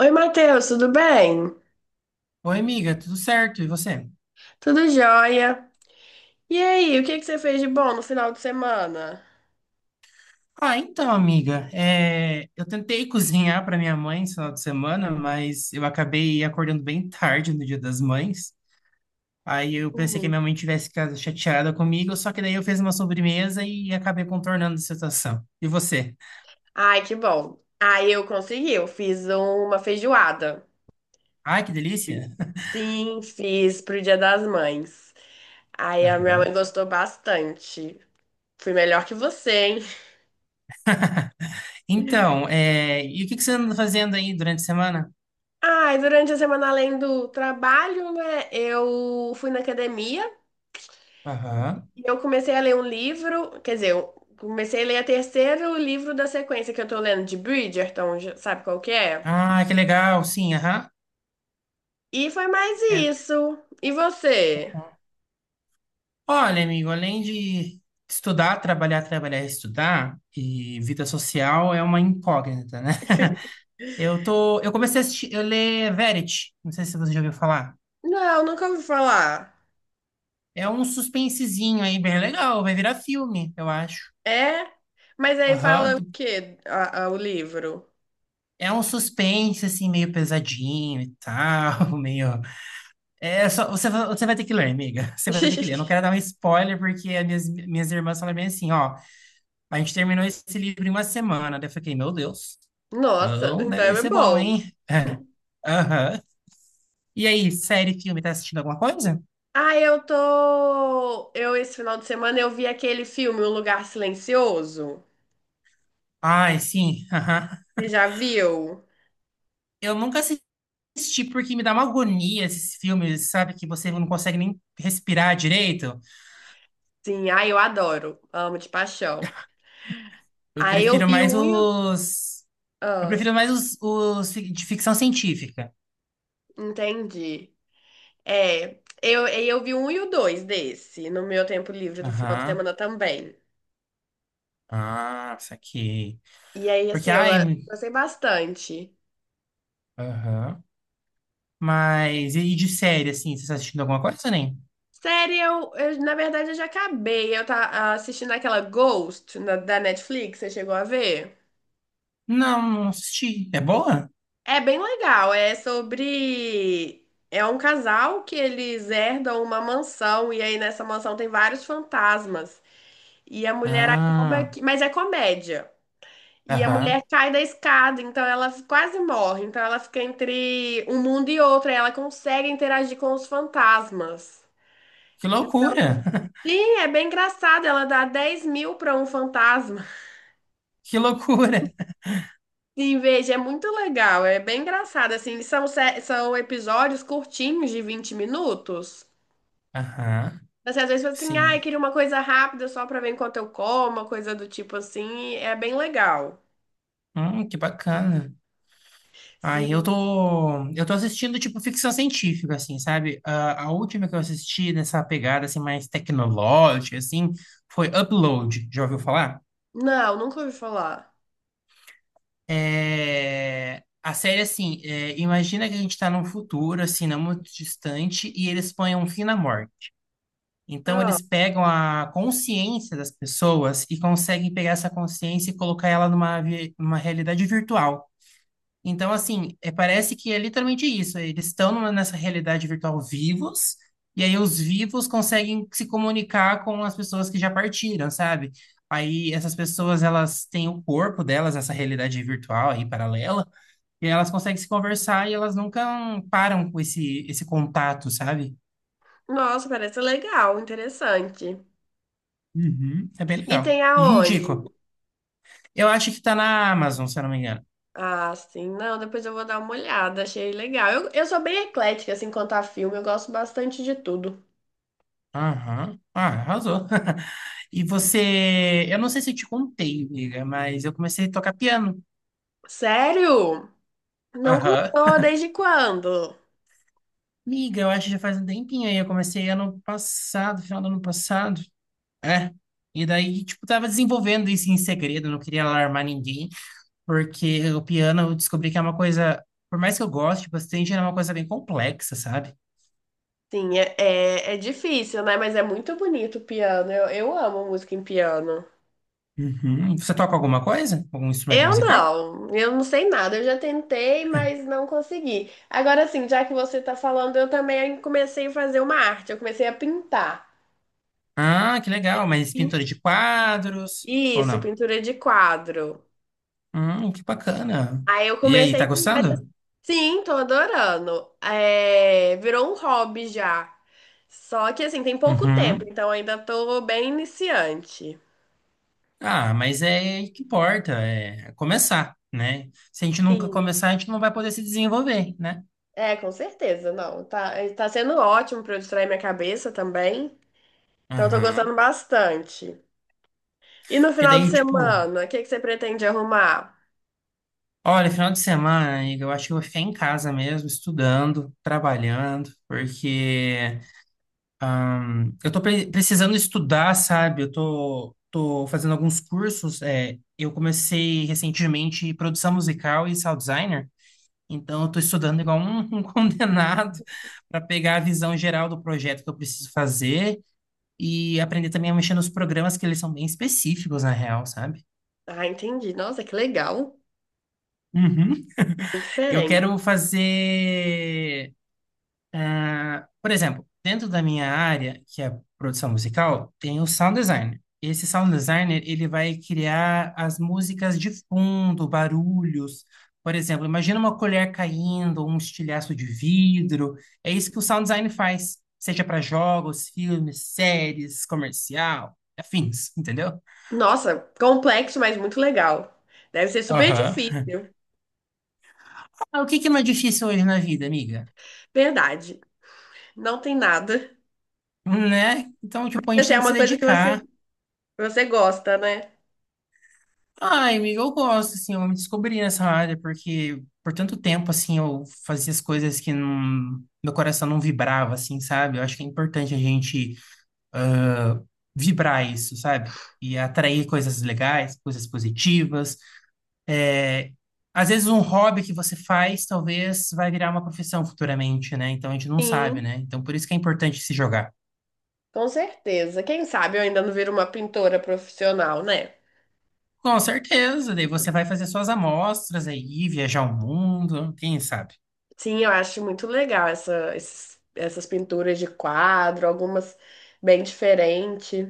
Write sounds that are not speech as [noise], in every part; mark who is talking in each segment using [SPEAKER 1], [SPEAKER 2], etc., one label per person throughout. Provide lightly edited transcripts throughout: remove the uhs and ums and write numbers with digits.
[SPEAKER 1] Oi, Matheus, tudo bem?
[SPEAKER 2] Oi, amiga, tudo certo? E você?
[SPEAKER 1] Tudo jóia? E aí, o que que você fez de bom no final de semana?
[SPEAKER 2] Ah, então, amiga, eu tentei cozinhar para minha mãe esse final de semana, mas eu acabei acordando bem tarde no Dia das Mães. Aí eu pensei que
[SPEAKER 1] Hum.
[SPEAKER 2] minha mãe tivesse ficado chateada comigo, só que daí eu fiz uma sobremesa e acabei contornando a situação. E você?
[SPEAKER 1] Ai, que bom. Eu fiz uma feijoada.
[SPEAKER 2] Ai, que delícia! [laughs]
[SPEAKER 1] Sim, fiz pro Dia das Mães. Aí a minha
[SPEAKER 2] Aham.
[SPEAKER 1] mãe gostou bastante. Fui melhor que você, hein?
[SPEAKER 2] [laughs] Então, e o que que você anda fazendo aí durante a semana?
[SPEAKER 1] Ai, durante a semana, além do trabalho, né, eu fui na academia.
[SPEAKER 2] Aham.
[SPEAKER 1] E eu comecei a ler um livro, quer dizer, eu comecei a ler o terceiro livro da sequência que eu tô lendo, de Bridgerton, já sabe qual que é?
[SPEAKER 2] Ah, que legal, sim, aham.
[SPEAKER 1] E foi mais
[SPEAKER 2] É.
[SPEAKER 1] isso. E você?
[SPEAKER 2] Olha, amigo, além de estudar, trabalhar, trabalhar, estudar, e vida social é uma incógnita, né? [laughs] Eu tô, eu comecei a assistir, eu ler Verity, não sei se você já ouviu falar.
[SPEAKER 1] Não, nunca ouvi falar.
[SPEAKER 2] É um suspensezinho aí bem legal, vai virar filme, eu acho.
[SPEAKER 1] É? Mas aí
[SPEAKER 2] Aham.
[SPEAKER 1] fala o quê, o livro?
[SPEAKER 2] É um suspense assim meio pesadinho e tal. [laughs] meio. É só você, você vai ter que ler, amiga. [laughs] Você vai ter que ler. Eu não
[SPEAKER 1] [laughs]
[SPEAKER 2] quero dar um spoiler porque as minhas irmãs falaram bem assim, ó, a gente terminou esse livro em uma semana. Daí eu fiquei, meu Deus.
[SPEAKER 1] Nossa,
[SPEAKER 2] Então,
[SPEAKER 1] então
[SPEAKER 2] deve
[SPEAKER 1] é
[SPEAKER 2] ser bom,
[SPEAKER 1] bom.
[SPEAKER 2] hein? [laughs] É, aham. E aí, série, filme, tá assistindo alguma coisa?
[SPEAKER 1] Ah, eu tô. Esse final de semana, eu vi aquele filme, Um Lugar Silencioso.
[SPEAKER 2] Ai, sim. Aham.
[SPEAKER 1] Você já viu?
[SPEAKER 2] Eu nunca assisti porque me dá uma agonia esses filmes, sabe? Que você não consegue nem respirar direito.
[SPEAKER 1] Sim, ah, eu adoro. Amo de paixão.
[SPEAKER 2] Eu
[SPEAKER 1] Aí eu
[SPEAKER 2] prefiro
[SPEAKER 1] vi o
[SPEAKER 2] mais
[SPEAKER 1] um e o...
[SPEAKER 2] os. Eu
[SPEAKER 1] Ah,
[SPEAKER 2] prefiro mais os de ficção científica.
[SPEAKER 1] entendi. Aí eu vi um e o dois desse, no meu tempo livre do final de
[SPEAKER 2] Aham.
[SPEAKER 1] semana também.
[SPEAKER 2] Ah, saquei.
[SPEAKER 1] E aí,
[SPEAKER 2] Porque,
[SPEAKER 1] assim, eu
[SPEAKER 2] ai.
[SPEAKER 1] gostei bastante.
[SPEAKER 2] Aham. Mas e de série, assim? Você tá assistindo alguma coisa, nem?
[SPEAKER 1] Série, na verdade, eu já acabei. Eu tá assistindo aquela Ghost da Netflix, você chegou a ver?
[SPEAKER 2] Não, não assisti. É boa?
[SPEAKER 1] É bem legal, é sobre... É um casal que eles herdam uma mansão, e aí nessa mansão tem vários fantasmas. E a mulher acaba
[SPEAKER 2] Ah.
[SPEAKER 1] que... Mas é comédia. E a mulher
[SPEAKER 2] Aham.
[SPEAKER 1] cai da escada, então ela quase morre. Então ela fica entre um mundo e outro, e ela consegue interagir com os fantasmas.
[SPEAKER 2] Que loucura! [laughs]
[SPEAKER 1] Sim, é bem engraçado. Ela dá 10 mil pra um fantasma. [laughs]
[SPEAKER 2] Que loucura!
[SPEAKER 1] Sim, veja, é muito legal. É bem engraçado. Assim, são episódios curtinhos de 20 minutos.
[SPEAKER 2] Aham,
[SPEAKER 1] Você às vezes fala assim, ah,
[SPEAKER 2] sim.
[SPEAKER 1] queria uma coisa rápida só pra ver enquanto eu como, uma coisa do tipo assim. É bem legal.
[SPEAKER 2] Que bacana. Aí eu
[SPEAKER 1] Sim.
[SPEAKER 2] tô, eu tô assistindo, tipo, ficção científica, assim, sabe? A última que eu assisti nessa pegada, assim, mais tecnológica, assim, foi Upload. Já ouviu falar?
[SPEAKER 1] Não, nunca ouvi falar.
[SPEAKER 2] É... A série, assim, imagina que a gente tá num futuro, assim, não muito distante, e eles põem um fim na morte. Então,
[SPEAKER 1] Ah.
[SPEAKER 2] eles pegam a consciência das pessoas e conseguem pegar essa consciência e colocar ela numa realidade virtual. Então, assim, é, parece que é literalmente isso. Eles estão nessa realidade virtual vivos, e aí os vivos conseguem se comunicar com as pessoas que já partiram, sabe? Aí essas pessoas, elas têm o corpo delas, essa realidade virtual aí paralela, e elas conseguem se conversar e elas nunca param com esse contato, sabe?
[SPEAKER 1] Nossa, parece legal, interessante.
[SPEAKER 2] Uhum. É bem
[SPEAKER 1] E
[SPEAKER 2] legal.
[SPEAKER 1] tem aonde?
[SPEAKER 2] Indico. Eu acho que tá na Amazon, se eu não me engano.
[SPEAKER 1] Ah, sim. Não, depois eu vou dar uma olhada, achei legal. Eu sou bem eclética, assim, quanto a filme, eu gosto bastante de tudo.
[SPEAKER 2] Aham. Ah, arrasou. [laughs] E você. Eu não sei se eu te contei, amiga, mas eu comecei a tocar piano.
[SPEAKER 1] Sério? Não
[SPEAKER 2] Aham.
[SPEAKER 1] contou desde quando?
[SPEAKER 2] Amiga, eu acho que já faz um tempinho aí. Eu comecei ano passado, final do ano passado. É. E daí, tipo, tava desenvolvendo isso em segredo, não queria alarmar ninguém, porque o piano eu descobri que é uma coisa. Por mais que eu goste bastante, é uma coisa bem complexa, sabe?
[SPEAKER 1] Sim, é difícil, né? Mas é muito bonito o piano. Eu amo música em piano.
[SPEAKER 2] Uhum. Você toca alguma coisa? Algum instrumento musical?
[SPEAKER 1] Eu não sei nada. Eu já tentei, mas não consegui. Agora, assim, já que você tá falando, eu também comecei a fazer uma arte, eu comecei a pintar.
[SPEAKER 2] Ah, que legal. Mas pintura de quadros ou
[SPEAKER 1] Isso,
[SPEAKER 2] não?
[SPEAKER 1] pintura de quadro.
[SPEAKER 2] Que bacana.
[SPEAKER 1] Aí eu
[SPEAKER 2] E aí,
[SPEAKER 1] comecei.
[SPEAKER 2] tá
[SPEAKER 1] mas,
[SPEAKER 2] gostando?
[SPEAKER 1] Sim, tô adorando. É, virou um hobby já. Só que assim, tem pouco tempo,
[SPEAKER 2] Uhum.
[SPEAKER 1] então ainda tô bem iniciante.
[SPEAKER 2] Ah, mas é que importa, é começar, né? Se a gente nunca
[SPEAKER 1] Sim.
[SPEAKER 2] começar, a gente não vai poder se desenvolver, né?
[SPEAKER 1] É, com certeza, não. Tá sendo ótimo pra eu distrair minha cabeça também. Então eu tô
[SPEAKER 2] Aham.
[SPEAKER 1] gostando bastante. E no
[SPEAKER 2] Porque
[SPEAKER 1] final de
[SPEAKER 2] daí, tipo,
[SPEAKER 1] semana, o que que você pretende arrumar?
[SPEAKER 2] olha, final de semana, amiga, eu acho que eu vou ficar em casa mesmo, estudando, trabalhando, porque eu tô precisando estudar, sabe? Eu tô, tô fazendo alguns cursos. Eu comecei recentemente produção musical e sound designer, então eu tô estudando igual um, [laughs] um condenado para pegar a visão geral do projeto que eu preciso fazer e aprender também a mexer nos programas que eles são bem específicos, na real, sabe?
[SPEAKER 1] Ah, entendi. Nossa, que legal.
[SPEAKER 2] Uhum.
[SPEAKER 1] Bem
[SPEAKER 2] Eu
[SPEAKER 1] diferente.
[SPEAKER 2] quero fazer. Por exemplo, dentro da minha área, que é produção musical, tem o sound designer. Esse sound designer, ele vai criar as músicas de fundo, barulhos. Por exemplo, imagina uma colher caindo, um estilhaço de vidro. É isso que o sound design faz, seja para jogos, filmes, séries, comercial, afins, entendeu?
[SPEAKER 1] Nossa, complexo, mas muito legal. Deve ser super
[SPEAKER 2] Aham.
[SPEAKER 1] difícil.
[SPEAKER 2] Ah, o que que não é difícil hoje na vida, amiga?
[SPEAKER 1] Verdade. Não tem nada.
[SPEAKER 2] Né? Então, tipo, a gente
[SPEAKER 1] Mas é
[SPEAKER 2] tem que se
[SPEAKER 1] uma coisa que
[SPEAKER 2] dedicar.
[SPEAKER 1] você gosta, né?
[SPEAKER 2] Ai, amiga, eu gosto, assim, eu me descobri nessa área, porque por tanto tempo, assim, eu fazia as coisas que não, meu coração não vibrava, assim, sabe? Eu acho que é importante a gente vibrar isso, sabe? E atrair coisas legais, coisas positivas. Às vezes um hobby que você faz, talvez vai virar uma profissão futuramente, né? Então a gente não sabe,
[SPEAKER 1] Sim,
[SPEAKER 2] né? Então por isso que é importante se jogar.
[SPEAKER 1] com certeza. Quem sabe eu ainda não viro uma pintora profissional, né?
[SPEAKER 2] Com certeza, daí você vai fazer suas amostras aí, viajar o mundo, quem sabe?
[SPEAKER 1] Sim, eu acho muito legal essas pinturas de quadro, algumas bem diferentes.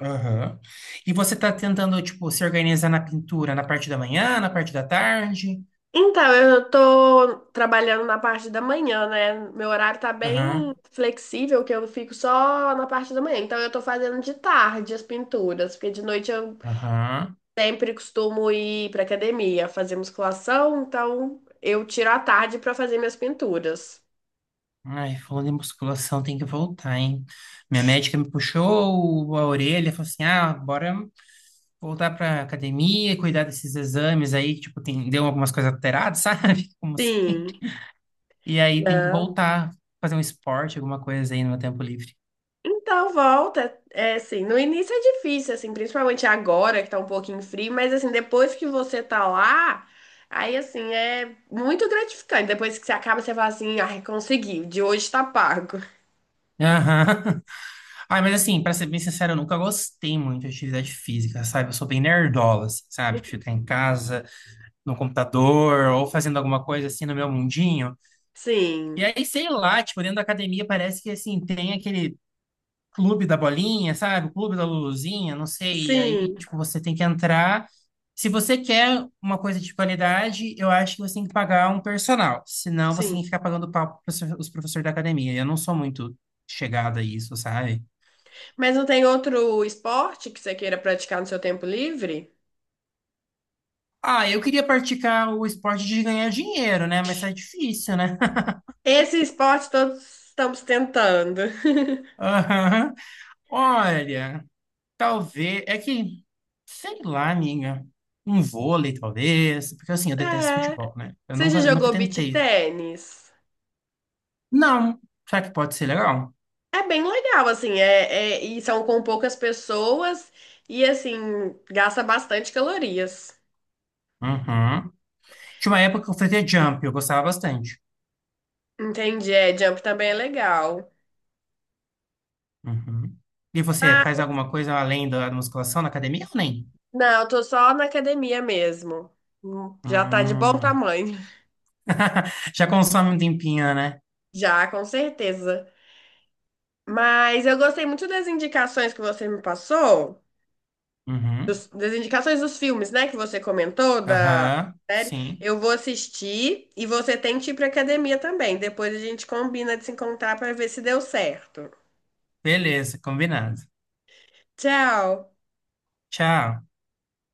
[SPEAKER 2] Aham. E você está tentando, tipo, se organizar na pintura na parte da manhã, na parte da tarde?
[SPEAKER 1] Então, eu tô trabalhando na parte da manhã, né? Meu horário tá bem
[SPEAKER 2] Aham,
[SPEAKER 1] flexível, que eu fico só na parte da manhã. Então, eu tô fazendo de tarde as pinturas, porque de noite eu
[SPEAKER 2] aham.
[SPEAKER 1] sempre costumo ir para academia, fazer musculação, então eu tiro a tarde para fazer minhas pinturas.
[SPEAKER 2] Ai, falando em musculação, tem que voltar, hein? Minha médica me puxou a orelha, falou assim: ah, bora voltar pra academia, cuidar desses exames aí, tipo, tem, deu algumas coisas alteradas, [laughs] sabe? Como assim?
[SPEAKER 1] Sim,
[SPEAKER 2] E aí tem que
[SPEAKER 1] não.
[SPEAKER 2] voltar, fazer um esporte, alguma coisa aí no meu tempo livre.
[SPEAKER 1] Então volta, é assim, no início é difícil, assim, principalmente agora que tá um pouquinho frio, mas assim, depois que você tá lá, aí assim, é muito gratificante. Depois que você acaba, você fala assim, ai, consegui, o de hoje tá pago.
[SPEAKER 2] Aham. [laughs] Ai, mas assim, pra ser bem sincero, eu nunca gostei muito de atividade física, sabe? Eu sou bem nerdola, assim, sabe? De ficar
[SPEAKER 1] [laughs]
[SPEAKER 2] em casa, no computador, ou fazendo alguma coisa assim no meu mundinho. E
[SPEAKER 1] Sim,
[SPEAKER 2] aí, sei lá, tipo, dentro da academia parece que, assim, tem aquele clube da bolinha, sabe? O clube da Luluzinha, não sei. E aí,
[SPEAKER 1] sim,
[SPEAKER 2] tipo, você tem que entrar. Se você quer uma coisa de qualidade, eu acho que você tem que pagar um personal. Senão, você
[SPEAKER 1] sim.
[SPEAKER 2] tem que ficar pagando pau para os professores da academia. Eu não sou muito chegada a isso, sabe?
[SPEAKER 1] Mas não tem outro esporte que você queira praticar no seu tempo livre?
[SPEAKER 2] Ah, eu queria praticar o esporte de ganhar dinheiro, né? Mas tá difícil, né? [laughs]
[SPEAKER 1] Esse esporte todos estamos tentando.
[SPEAKER 2] Aham. Olha, talvez. É que, sei lá, amiga. Um vôlei, talvez. Porque assim, eu detesto
[SPEAKER 1] É.
[SPEAKER 2] futebol, né? Eu
[SPEAKER 1] Você já
[SPEAKER 2] nunca, eu nunca
[SPEAKER 1] jogou beach
[SPEAKER 2] tentei.
[SPEAKER 1] tênis?
[SPEAKER 2] Não. Será que pode ser legal?
[SPEAKER 1] É bem legal, assim, e são com poucas pessoas e, assim, gasta bastante calorias.
[SPEAKER 2] Uhum. Tinha uma época que eu fazia jump, eu gostava bastante.
[SPEAKER 1] Entendi, é, jump também é legal.
[SPEAKER 2] Uhum. E você
[SPEAKER 1] Ah,
[SPEAKER 2] faz alguma coisa além da musculação na academia ou nem?
[SPEAKER 1] não, eu tô só na academia mesmo. Já tá de bom
[SPEAKER 2] Hum.
[SPEAKER 1] tamanho. [laughs]
[SPEAKER 2] [laughs] Já consome um tempinho, né?
[SPEAKER 1] Já, com certeza. Mas eu gostei muito das indicações que você me passou,
[SPEAKER 2] Uhum.
[SPEAKER 1] das indicações dos filmes, né, que você comentou, da
[SPEAKER 2] Aham.
[SPEAKER 1] série.
[SPEAKER 2] Sim.
[SPEAKER 1] Eu vou assistir e você tem que ir pra academia também. Depois a gente combina de se encontrar pra ver se deu certo.
[SPEAKER 2] Beleza, combinado.
[SPEAKER 1] Tchau!
[SPEAKER 2] Tchau.